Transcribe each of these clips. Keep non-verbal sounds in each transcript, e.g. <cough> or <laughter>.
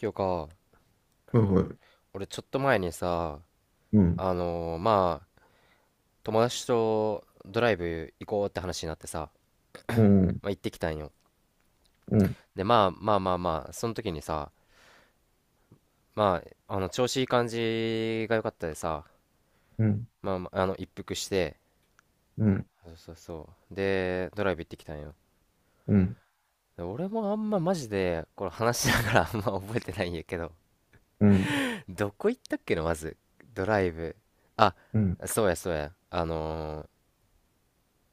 今日か、はいはい。俺ちょっと前にさ、うん、まあ、友達とドライブ行こうって話になってさ、うん、まあ、行ってきたんよ。うん、で、まあまあまあまあ、その時にさ、まあ、調子いい感じが良かったでさ、うん、うん、まあまあ、一服して、そうそうそう。で、ドライブ行ってきたんよ。うん、で俺もあんまマジで、これ話しながら <laughs> あんま覚えてないんやけど、うん、うん、どこ行ったっけの、まず。ドライブ。あ、うん、そうやそうや。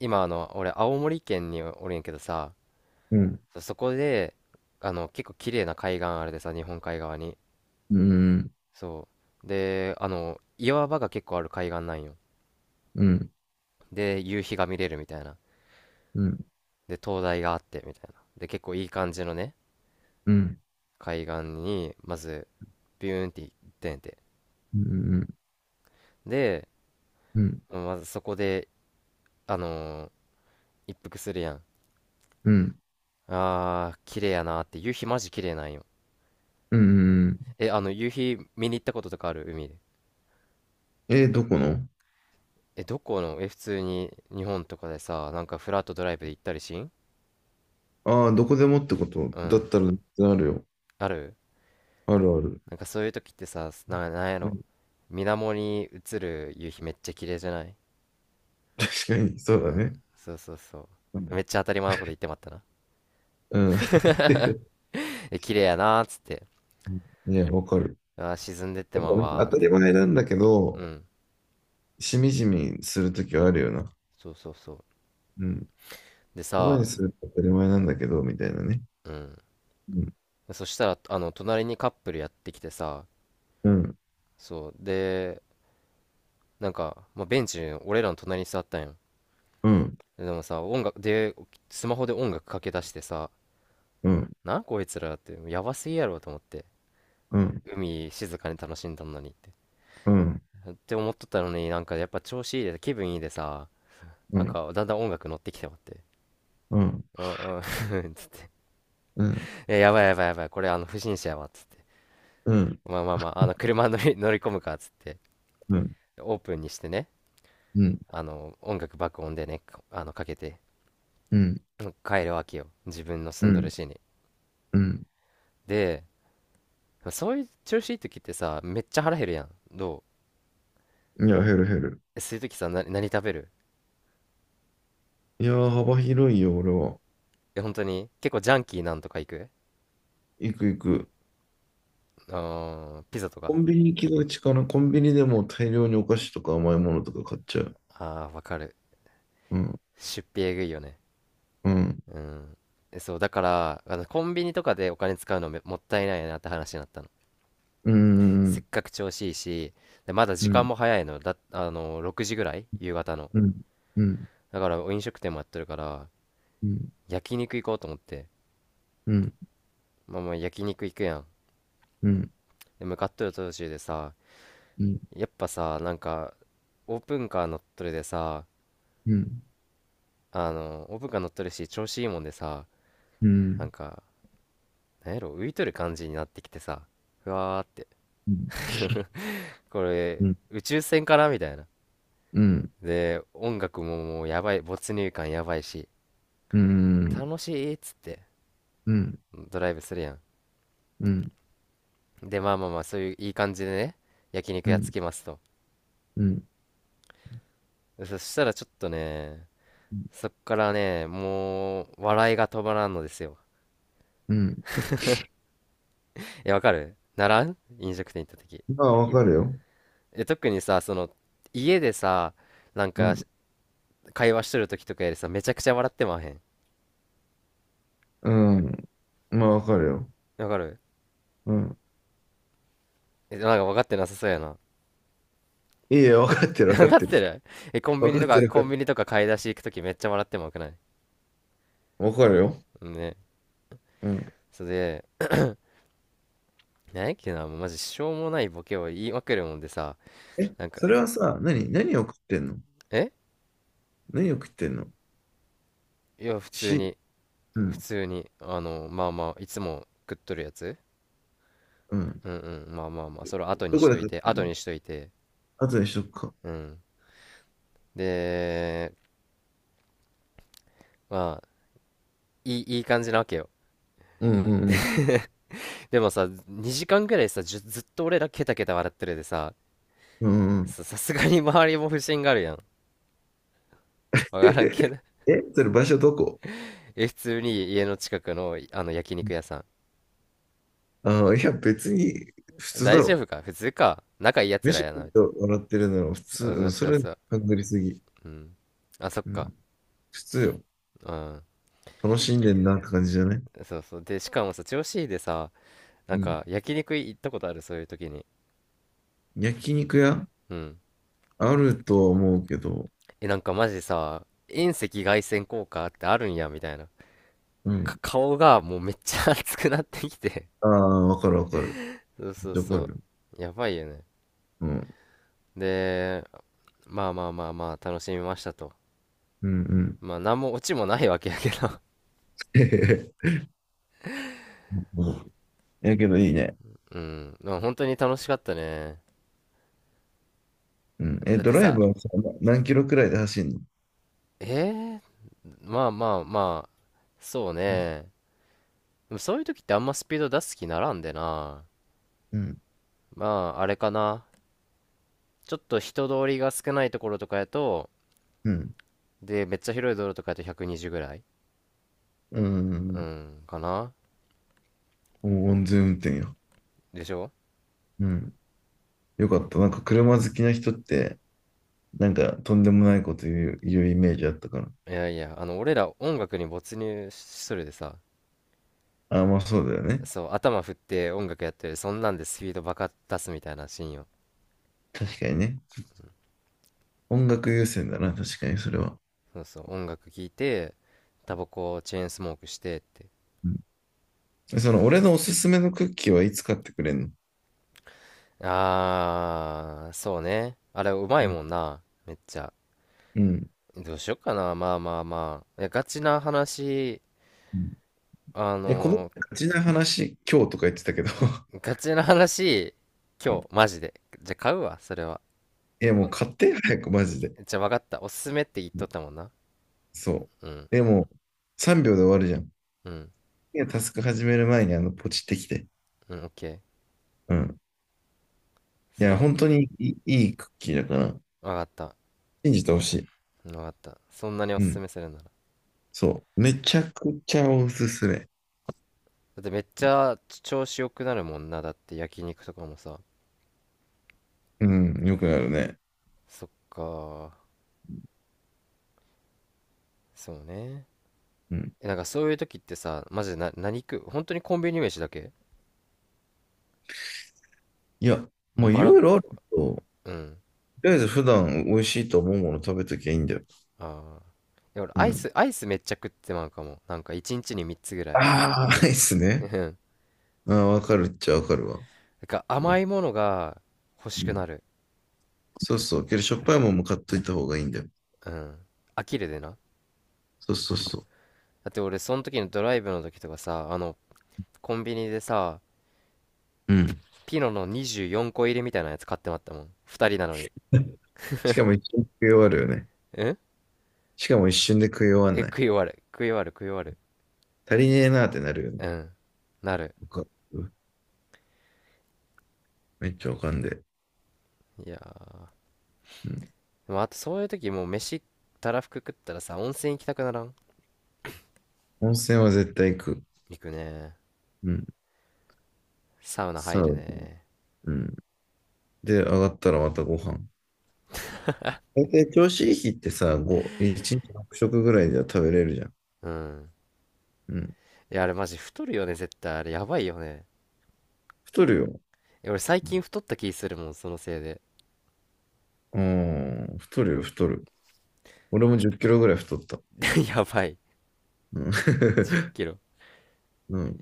今俺青森県におるんやけどさ、うん、そこで、結構綺麗な海岸あるでさ、日本海側に。そう。で、岩場が結構ある海岸なんよ。うん、うん、で、夕日が見れるみたいな。うん、で、灯台があってみたいな。で、結構いい感じのね、うん、うん、海岸に、まず、ビューンって行ってんて。で、まずそこで、あのー一服するやん。うん、あー、綺麗やなーって。夕日マジ綺麗なんよ。ううん。ん。え、夕日見に行ったこととかある？海で。えー、どこのえ、どこの普通に日本とかでさ、なんかフラットドライブで行ったりしん。ああー、どこでもってことうだん。ったらあるよ。ある。あるある。なんかそういう時ってさ、なんやうろ。ん、水面に映る夕日めっちゃ綺麗じゃない？確かに、そうだうん。ね。そうそうそうう。めん。っちゃ当たり前のこと言ってまったな。うん <laughs> <laughs> え、綺麗やなーっつって。いや、わかる。あー、沈んでってまうなんかわ当ーったつっりて。前なんだけうど、ん。しみじみするときはあるよな。そうそうそう。うん。で言葉さ、にすると当たり前なんだけど、みたいなね。うん。うん、そしたら、隣にカップルやってきてさ、うん、そう。で、なんか、まあ、ベンチ、俺らの隣に座ったんよ。うん、でもさ、音楽で、スマホで音楽かけ出してさ、うん、こいつらって、やばすぎやろと思って。うん。海静かに楽しんだのにって。うん、って思っとったのになんかやっぱ調子いいで、気分いいでさ、うなんん、かだんだん音楽乗ってきてまって。うん、うんうん。 うん、<laughs> え、やばいやばいやばい、これあの不審者やわ、つって。うん、まあまあまあ、あの車<laughs> 乗り込むか、つって。うん、オープンにしてね、うん、あの音楽爆音でね、かあのかけてうん、帰るわけよ。自分のう住んどるん、市に。うん、で、そういう調子いい時ってさ、めっちゃ腹減るやん。いや、減る減る。そういう時さ、何食べる？いやー、幅広いよ、俺は。え、本当に結構ジャンキーなんとか行く？行く行く。あー、ピザとコか。ンビニ行きがちかな。コンビニでもう大量にお菓子とか甘いものとか買っちゃう。あー、わかる。うん、出費えぐいよね。うん、うん。え、そう、だから、コンビニとかでお金使うのもったいないなって話になったの。うん、うせっん、かく調子いいし、で、まだ時う間ん、も早いの。だ、あの、6時ぐらい夕方の。うん、うん、だから、飲食店もやってるから、うん、焼肉行こうと思って。うん、まあまあ、焼肉行くやん。うん、で、向かっとる途中でさ、うん、やっぱさ、なんか、オープンカー乗っとるでさ、うん、あのオブが乗っとるし調子いいもんでさ、うん、うなんん、かなんやろ、浮いとる感じになってきてさ、ふわーって、うこれん、宇宙船かなみたいな。うん、で、音楽ももうやばい、没入感やばいし、うん、楽しいっつってうん、ドライブするやん。で、まあまあまあ、そういういい感じでね、焼肉やっつうきますと。ん、そしたらちょっとね、そっからね、もう笑いが止まらんのですよ。うん。え、わかるならん？飲食店行った時まあ、わかるよ。で、特にさ、その、家でさ、なんうかん、会話しとる時とかやでさ、めちゃくちゃ笑ってまへん？うん、まあ、わかるよ。わかる？うん。え、なんか分かってなさそうやな。いや、分かって <laughs> る、分分かかっってる。てる？え、コン分ビニかとってか、る、分かコっンてビる。ニとか買い出し行く時めっちゃ笑ってまわくない？分かるよ。ね。うん。それで、なんやっけな、もうマジしょうもないボケを言いまくるもんでさ、え、なんか、それはさ、うん。何を食ってんの？え、何を食ってんの？いや、普通し、に、う普ん、通に、まあまあ、いつも食っとるやつ。うん。うんうん、まあまあまあ、それ後にどしこでとい食って、てん後の？にしといて、後にしとくか。うん。で、まあ、いい感じなわけよ。うんうんうん。でもさ、2時間ぐらいさ、ずっと俺らケタケタ笑ってるでさ、うんうん。さすがに周りも不審があるやん。わからんけど。<laughs> え、それ場所どこ？ <laughs> え、普通に家の近くの、あの焼肉屋さああー、いや、別に普ん。通大だ丈ろ。夫か普通か。仲いいやつ飯らや食っな、みてたい笑ってるなら普通、な。あ、うそうん、そそうれ、そう。ハングりすぎ。うん。あ、そっうん。か。普通よ。うん。楽しんでんなって感じじゃない？そうそう。で、しかもさ、調子いいでさ、なうんん。か焼肉行ったことある？そういう時に。焼肉屋？うん。あるとは思うけど、え、なんかマジさ、遠赤外線効果ってあるんや、みたいな。うん。顔がもうめっちゃ <laughs> 熱くなってきて、ああ、わかるわかる。そうめそっうちゃわかるそよ。う。やばいよね。うん。で、まあまあまあまあ、楽しみましたと。うんうん。まあ、なんもオチもないわけやけど、 <laughs> うん。やけどいいね。<laughs> うん。まあ、本当に楽しかったね。うん。えっだっと、ドてライさ、ブはさ、何キロくらいで走んの？えー、まあまあまあ、そううん。ね。でもそういう時ってあんまスピード出す気ならんでな。うん。まあ、あれかな。ちょっと人通りが少ないところとかやと、うん。で、めっちゃ広い道路とかやと120ぐらい。ううん。ん、かな。お安全運転よ。でしょ？うん。よかった。なんか車好きな人って、なんかとんでもないこと言うイメージあったから。いやいや、俺ら音楽に没入するでさ、ああ、まあそうだよね。そう頭振って音楽やってる、そんなんでスピードバカ出すみたいなシーンよ。確かにね。音楽優先だな、確かにそれは。そうそう音楽聴いて、タバコをチェーンスモークしてって。うん。その、俺のおすすめのクッキーはいつ買ってくれんの？あー、そうね、あれうまいうん。もんな、めっちゃ。うん。どうしよっかな、まあまあまあ、いやガチな話、あえ、こののガチな話、今日とか言ってたけど、ガチな話、今日 <laughs> マジで、じゃ買うわそれは。え、もうお、買って早く、マジで。じゃわかった、おすすめって言っうとっん、たもんな。そうんう。え、もう3秒で終わるじゃん。うんいや、タスク始める前にポチってきて。うん、オッケー。うん。いそれや、はオッ本ケ当にいいクッキーだから、ー。わかった、信じてほしい。わかった、そんなにおすうすん。めするなら。そう。めちゃくちゃおすすめ。だってめっちゃ調子良くなるもんな。だって焼肉とかもさ。うん。よくなるね。そっか。そうね。うん。え、なんかそういう時ってさ、マジでな、何食う？本当にコンビニ飯だけ？いや、ももうういバラ、ろいろあるけど、とうん。りあえず普段美味しいと思うもの食べときゃいいんだよ。ああ。いや、俺うアイん。ス、アイスめっちゃ食ってまうかも。なんか一日に3つぐらい。ああ、ないっすうね。ん。なんああ、わかるっちゃわかるわ。か甘いものが欲しうくん、なる。そうそう。けど、しょっぱいもんも買っといた方がいいんだよ。うん。飽きるでな。そうそうそだって俺その時のドライブの時とかさ、コンビニでさ、う。うん。ピノの24個入りみたいなやつ買ってまったもん。2人なのに。しかも一瞬で食い終わるよね。しかも一瞬で食い終わんえ、ない。食い終わる。食い終わる、食い終わる。足りねえなーってなるよね。うん。なる。わかる、めっちゃわかんで。いやー。うん。でもあとそういう時もう飯、たらふく食ったらさ、温泉行きたくならん？温泉は絶対行く。行くね。うん。サウナサ入るウナ。ね。うん。で、上がったらまたご飯。大体調子いい日ってさ、1日6食ぐらいでは食べれるじゃん。うん。うん。いや、あれマジ太るよね、絶対。あれやばいよね。太るよ。え、俺最近太った気するもん、そのせいで。うん。太るよ、太る。俺も10キロぐらい太った。<laughs> やばい。うん。10 <laughs> キロ。うん。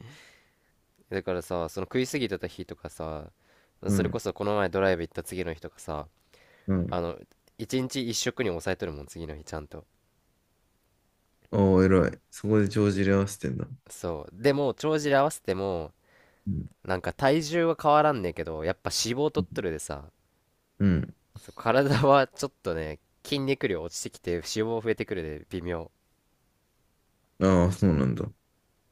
だからさ、その食いすぎてた日とかさ、うそれこん。そこの前ドライブ行った次の日とかさ、うん。あの、1日1食に抑えとるもん、次の日ちゃんと。ああ、偉い。そこで帳尻合わせてんだ。そう。でも、帳尻合わせても、うんなんか体重は変わらんねんけど、やっぱ脂肪取っとるでさ、うん。そう体はちょっとね、筋肉量落ちてきて脂肪増えてくるで微妙。ああ、そうなんだ。